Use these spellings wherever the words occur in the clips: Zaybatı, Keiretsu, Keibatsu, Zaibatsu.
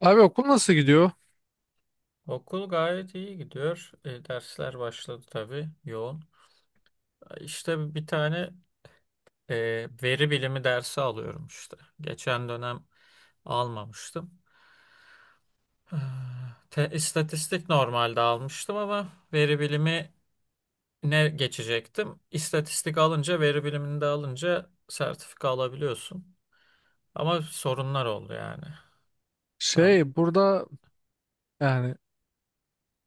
Abi okul nasıl gidiyor? Okul gayet iyi gidiyor. Dersler başladı tabii yoğun. İşte bir tane veri bilimi dersi alıyorum işte. Geçen dönem almamıştım. Ah, Te, istatistik normalde almıştım ama veri bilimi ne geçecektim? İstatistik alınca veri bilimini de alınca sertifika alabiliyorsun. Ama sorunlar oldu yani. Tamam. Şey, burada yani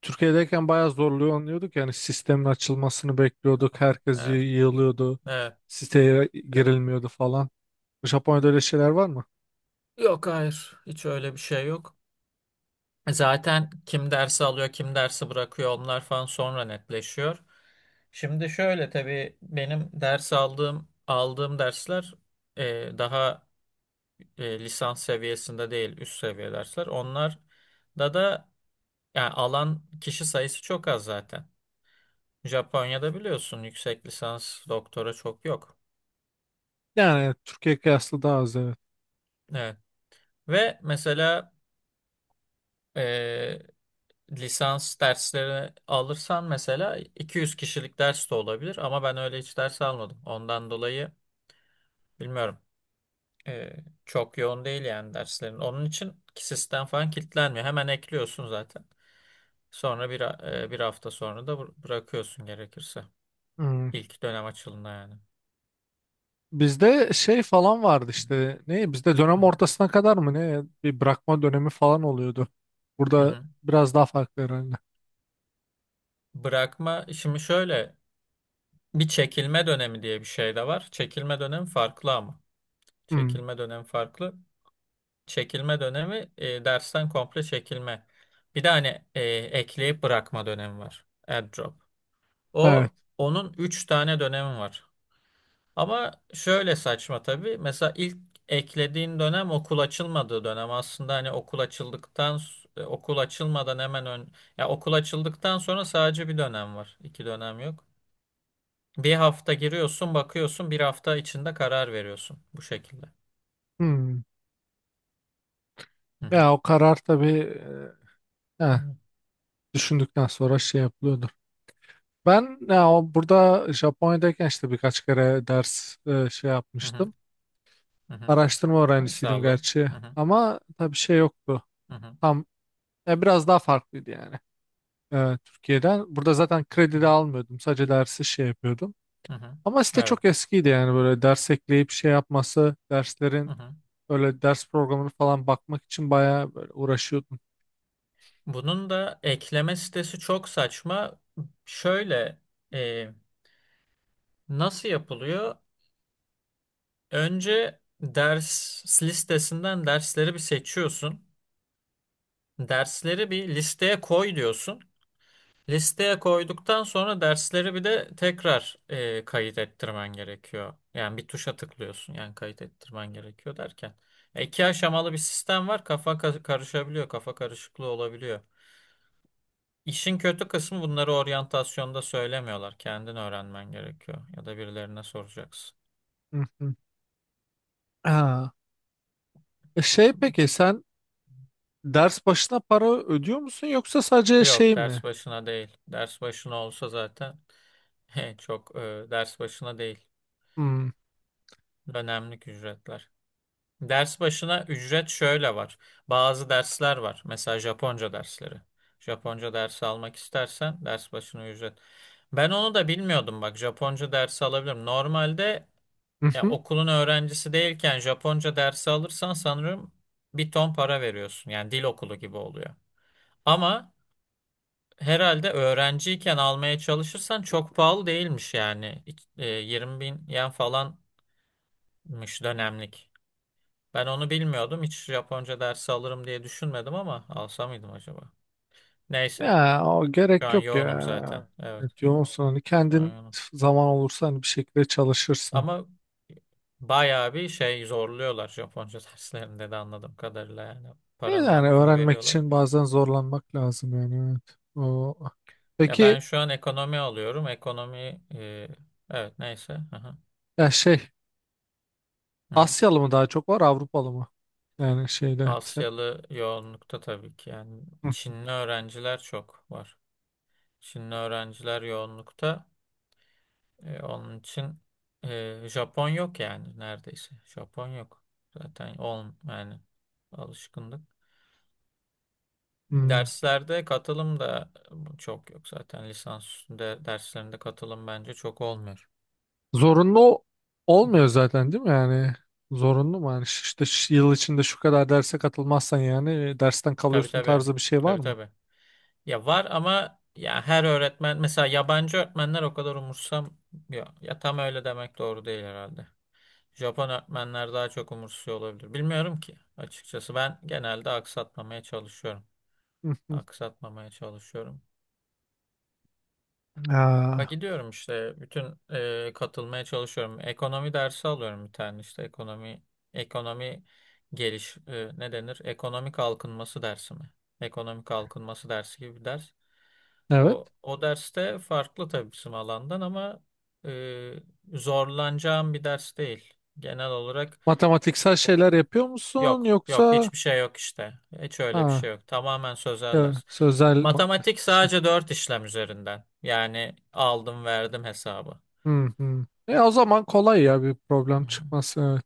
Türkiye'deyken bayağı zorlanıyorduk. Yani sistemin açılmasını bekliyorduk. Herkes Evet, yığılıyordu. evet, Siteye evet. girilmiyordu falan. Japonya'da öyle şeyler var mı? Yok, hayır. Hiç öyle bir şey yok. Zaten kim dersi alıyor, kim dersi bırakıyor onlar falan sonra netleşiyor. Şimdi şöyle tabii benim ders aldığım dersler daha lisans seviyesinde değil, üst seviye dersler. Onlar da yani alan kişi sayısı çok az zaten. Japonya'da biliyorsun yüksek lisans doktora çok yok. Yani Türkiye kıyaslı daha az, evet. Evet. Ve mesela e, lisans dersleri alırsan mesela 200 kişilik ders de olabilir ama ben öyle hiç ders almadım. Ondan dolayı bilmiyorum. Ee, çok yoğun değil yani derslerin. Onun için ki sistem falan kilitlenmiyor. Hemen ekliyorsun zaten. Sonra bir hafta sonra da bırakıyorsun gerekirse. Hmm. İlk dönem açılına yani. Bizde şey falan vardı işte. Ne? Bizde Hı dönem hı. ortasına kadar mı ne? Bir bırakma dönemi falan oluyordu. Hı Burada hı. biraz daha farklı herhalde. Bırakma şimdi şöyle, bir çekilme dönemi diye bir şey de var. Çekilme dönemi farklı ama. Hmm. Çekilme dönemi farklı. Çekilme dönemi dersten komple çekilme. Bir de hani ekleyip bırakma dönemi var. Airdrop. Evet. O onun 3 tane dönemi var. Ama şöyle saçma tabii. Mesela ilk eklediğin dönem okul açılmadığı dönem. Aslında hani okul açıldıktan okul açılmadan hemen ön, ya okul açıldıktan sonra sadece bir dönem var. İki dönem yok. Bir hafta giriyorsun, bakıyorsun, bir hafta içinde karar veriyorsun bu şekilde. Hmm. Hı hı. Ya o karar tabii e, eh, Hı düşündükten sonra şey yapılıyordu. Ben ya, burada Japonya'dayken işte birkaç kere ders şey hı. yapmıştım. Hı hı. Araştırma Ders öğrencisiydim aldın. gerçi Hı hı. ama tabii şey yoktu. Hı hı. Tam ya biraz daha farklıydı yani Türkiye'den. Burada zaten Hı kredi de hı, almıyordum. Sadece dersi şey yapıyordum. hı hı. Ama site Evet. çok eskiydi yani böyle ders ekleyip şey yapması, Hı derslerin hı. öyle ders programını falan bakmak için bayağı böyle uğraşıyordum. Bunun da ekleme sitesi çok saçma. Şöyle, e, nasıl yapılıyor? Önce ders listesinden dersleri bir seçiyorsun. Dersleri bir listeye koy diyorsun. Listeye koyduktan sonra dersleri bir de tekrar kayıt ettirmen gerekiyor. Yani bir tuşa tıklıyorsun. Yani kayıt ettirmen gerekiyor derken. E, iki aşamalı bir sistem var. Kafa karışabiliyor. Kafa karışıklığı olabiliyor. İşin kötü kısmı bunları oryantasyonda söylemiyorlar. Kendin öğrenmen gerekiyor ya da birilerine soracaksın. Hı hı. Ha. Şey, peki sen ders başına para ödüyor musun yoksa sadece Yok, şey mi? ders başına değil. Ders başına olsa zaten çok, ders başına değil. Hmm. Dönemlik ücretler. Ders başına ücret şöyle var. Bazı dersler var. Mesela Japonca dersleri. Japonca dersi almak istersen ders başına ücret. Ben onu da bilmiyordum bak. Japonca dersi alabilirim. Normalde. Ya, okulun öğrencisi değilken Japonca dersi alırsan sanırım bir ton para veriyorsun. Yani dil okulu gibi oluyor. Ama herhalde öğrenciyken almaya çalışırsan çok pahalı değilmiş yani. 20 bin yen falanmış dönemlik. Ben onu bilmiyordum. Hiç Japonca dersi alırım diye düşünmedim ama alsa mıydım acaba? Neyse. Ya o Şu gerek an yok yoğunum zaten. ya. Evet. Evet, yoğunsun hani Şu an kendin yoğunum. zaman olursa hani bir şekilde çalışırsın. Ama bayağı bir şey zorluyorlar Japonca derslerinde de anladığım kadarıyla yani. Paranın Yani hakkını öğrenmek veriyorlar. için bazen zorlanmak lazım yani, evet. O. Ya, Peki ben şu an ekonomi alıyorum. Ekonomi, evet neyse. Aha, ya şey, hı hı. Hı. Asyalı mı daha çok var, Avrupalı mı? Yani şeyde sen. Asyalı yoğunlukta tabii ki. Yani Hı, Çinli öğrenciler çok var. Çinli öğrenciler yoğunlukta. Onun için Japon yok yani neredeyse. Japon yok. Zaten on yani, alışkınlık. hmm. Derslerde katılım da çok yok zaten. Lisans üstünde derslerinde katılım bence çok olmuyor. Zorunlu Hı hı. olmuyor zaten değil mi yani? Zorunlu mu yani? İşte yıl içinde şu kadar derse katılmazsan yani dersten Tabii kalıyorsun tabii. tarzı bir şey var Tabii mı? tabii. Ya var ama ya her öğretmen, mesela yabancı öğretmenler o kadar umursam ya, ya tam öyle demek doğru değil herhalde. Japon öğretmenler daha çok umursuyor olabilir. Bilmiyorum ki açıkçası, ben genelde aksatmamaya çalışıyorum. Hı, hı. Aksatmamaya çalışıyorum. Bak, Aa, gidiyorum işte bütün, katılmaya çalışıyorum. Ekonomi dersi alıyorum bir tane, işte ekonomi ne denir? Ekonomi kalkınması dersi mi? Ekonomi kalkınması dersi gibi bir ders. evet. O derste farklı tabii, bizim alandan ama e, zorlanacağım bir ders değil. Genel olarak Matematiksel şeyler yapıyor musun yok, yok, yoksa hiçbir şey yok işte. Hiç öyle bir ha, şey yok. Tamamen sözel ya, ders. Matematik şey. sadece dört işlem üzerinden. Yani aldım verdim hesabı. Hı hı. O zaman kolay ya bir problem Hı hı. çıkması. Evet.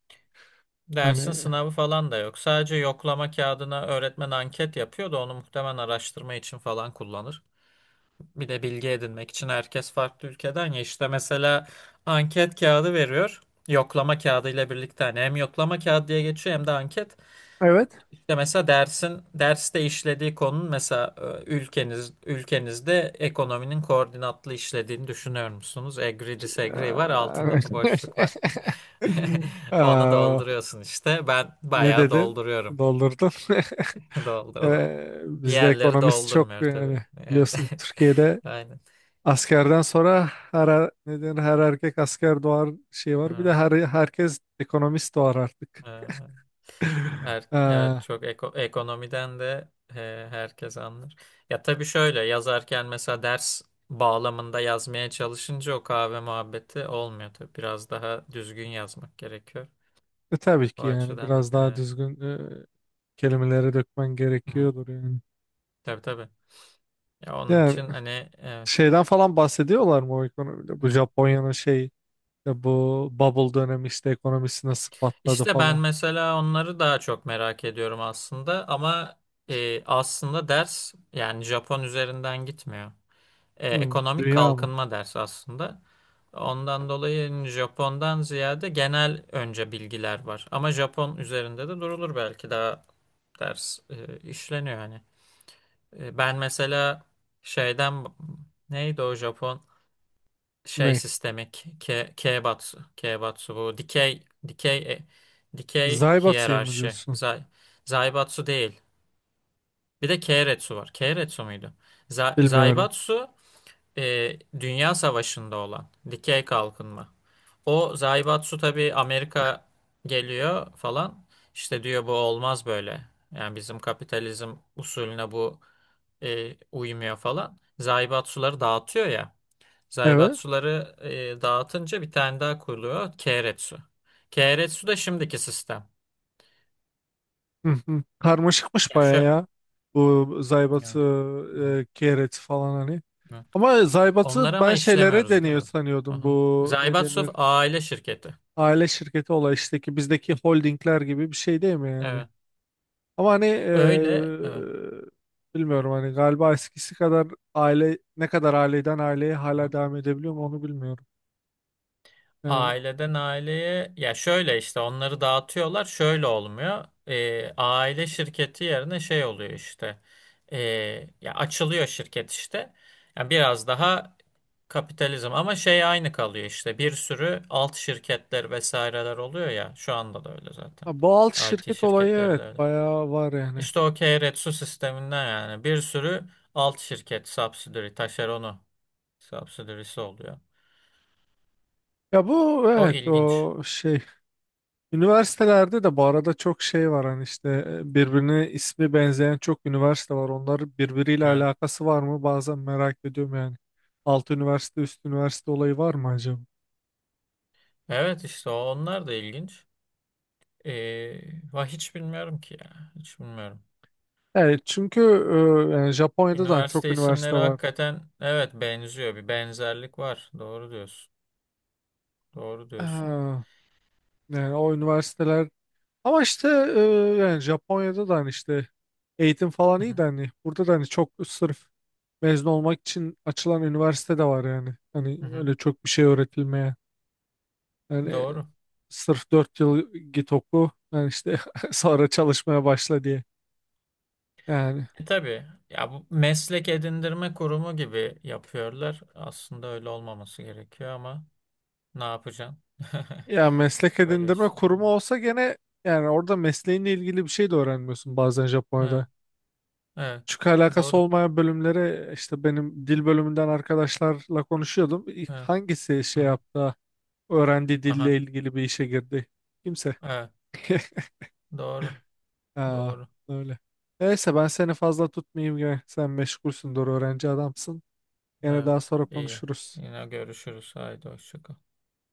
Dersin Hani, sınavı falan da yok. Sadece yoklama kağıdına öğretmen anket yapıyor da onu muhtemelen araştırma için falan kullanır. Bir de bilgi edinmek için, herkes farklı ülkeden ya, işte mesela anket kağıdı veriyor. Yoklama kağıdı ile birlikte hani hem yoklama kağıdı diye geçiyor hem de anket. evet. İşte mesela dersin derste işlediği konunun, mesela ülkenizde ekonominin koordinatlı işlediğini düşünüyor musunuz? Agree disagree var, altında da boşluk var. Onu Aa, dolduruyorsun işte. Ben ne bayağı dedin? dolduruyorum. Doldurdun. Doldurdum. Bizde Diğerleri ekonomist çok doldurmuyor yani tabii. Evet. biliyorsun Türkiye'de Aynen. askerden sonra her ne denir, her erkek asker doğar şey var. Bir de Ha, herkes ekonomist doğar artık. ha. Her, Ee, evet, çok ekonomiden de herkes anlar. Ya tabii, şöyle yazarken mesela ders bağlamında yazmaya çalışınca o kahve muhabbeti olmuyor tabii. Biraz daha düzgün yazmak gerekiyor. tabii O ki yani açıdan değil. biraz daha Evet. düzgün kelimelere dökmen Hı-hı. gerekiyordur yani. Tabii tabii. Ya onun Yani için hani, evet. şeyden falan bahsediyorlar mı o ekonomide? Bu Hı-hı. Japonya'nın şey bu bubble dönemi işte ekonomisi nasıl patladı İşte ben falan. mesela onları daha çok merak ediyorum aslında, ama aslında ders yani Japon üzerinden gitmiyor. e, Hmm, ekonomik dünya mı? kalkınma dersi aslında. Ondan dolayı Japon'dan ziyade genel önce bilgiler var. Ama Japon üzerinde de durulur belki, daha ders işleniyor hani. Ben mesela şeyden, neydi o Japon şey Ne? sistemi, Keibatsu. Keibatsu, bu dikey, dikey e, dikey Zaybatı'yı mı hiyerarşi. diyorsun? Zaibatsu değil. Bir de Keiretsu var. Keiretsu muydu? Za- Bilmiyorum. Zaibatsu e, Dünya Savaşı'nda olan dikey kalkınma. O Zaibatsu tabii, Amerika geliyor falan. İşte diyor bu olmaz böyle. Yani bizim kapitalizm usulüne bu uymuyor falan. Zaibatsuları dağıtıyor ya. Evet. Zaibatsuları dağıtınca bir tane daha kuruluyor. Keiretsu. Keiretsu da şimdiki sistem. Hı hı. Karmaşıkmış Ya baya şu... ya. Bu Zaybatı, Ya, hı hı, kereti falan hani. evet. Ama Zaybatı Onları ama ben şeylere işlemiyoruz deniyor daha. sanıyordum. Aha. Bu ne Zaibatsu denir? aile şirketi. Aile şirketi olay işte ki bizdeki holdingler gibi bir şey değil mi yani? Evet. Ama hani Öyle. Evet. Bilmiyorum hani galiba eskisi kadar aile ne kadar aileden aileye Hı hala hı. devam edebiliyor mu, onu bilmiyorum. Yani Aileden aileye, ya şöyle işte, onları dağıtıyorlar, şöyle olmuyor. Aile şirketi yerine şey oluyor işte. Ee, Ya açılıyor şirket işte, yani biraz daha kapitalizm, ama şey aynı kalıyor işte, bir sürü alt şirketler vesaireler oluyor, ya şu anda da öyle zaten. ha, bu alt I T şirket olayı, şirketleri de evet, öyle, bayağı var yani. işte o Keiretsu sisteminden, yani bir sürü alt şirket, subsidiary, taşeronu, subsidiary'si oluyor, Ya bu, o evet, ilginç. o şey üniversitelerde de bu arada çok şey var hani işte birbirine ismi benzeyen çok üniversite var. Onlar birbiriyle Evet. alakası var mı? Bazen merak ediyorum yani. Alt üniversite üst üniversite olayı var mı acaba? Evet, işte onlar da ilginç. Va hiç bilmiyorum ki ya. Hiç bilmiyorum. Evet, çünkü yani Japonya'da da hani çok Üniversite üniversite isimleri var. hakikaten, evet, benziyor. Bir benzerlik var. Doğru diyorsun. Doğru diyorsun. Ee, yani o üniversiteler ama işte e, yani Japonya'da da hani işte eğitim falan Hı iyi de hı. hani burada da hani çok sırf mezun olmak için açılan üniversite de var yani. Hani Hı hı. öyle çok bir şey öğretilmeye. Yani Doğru. sırf 4 yıl git oku yani işte sonra çalışmaya başla diye. Yani Tabii ya, bu meslek edindirme kurumu gibi yapıyorlar. Aslında öyle olmaması gerekiyor ama ne yapacaksın? ya meslek Öyle edindirme işte. kurumu olsa gene yani orada mesleğinle ilgili bir şey de öğrenmiyorsun bazen Evet. Japonya'da. Evet. Küçük alakası Doğru. olmayan bölümlere işte benim dil bölümünden arkadaşlarla konuşuyordum. İlk Evet. hangisi şey Aha. yaptı? Öğrendiği Aha. dille ilgili bir işe girdi. Kimse. Evet. Doğru. Aa, Doğru. öyle. Neyse, ben seni fazla tutmayayım ya. Sen meşgulsündür, öğrenci adamsın. Yine Evet, daha sonra iyi. konuşuruz. Yine görüşürüz. Haydi hoşça kal.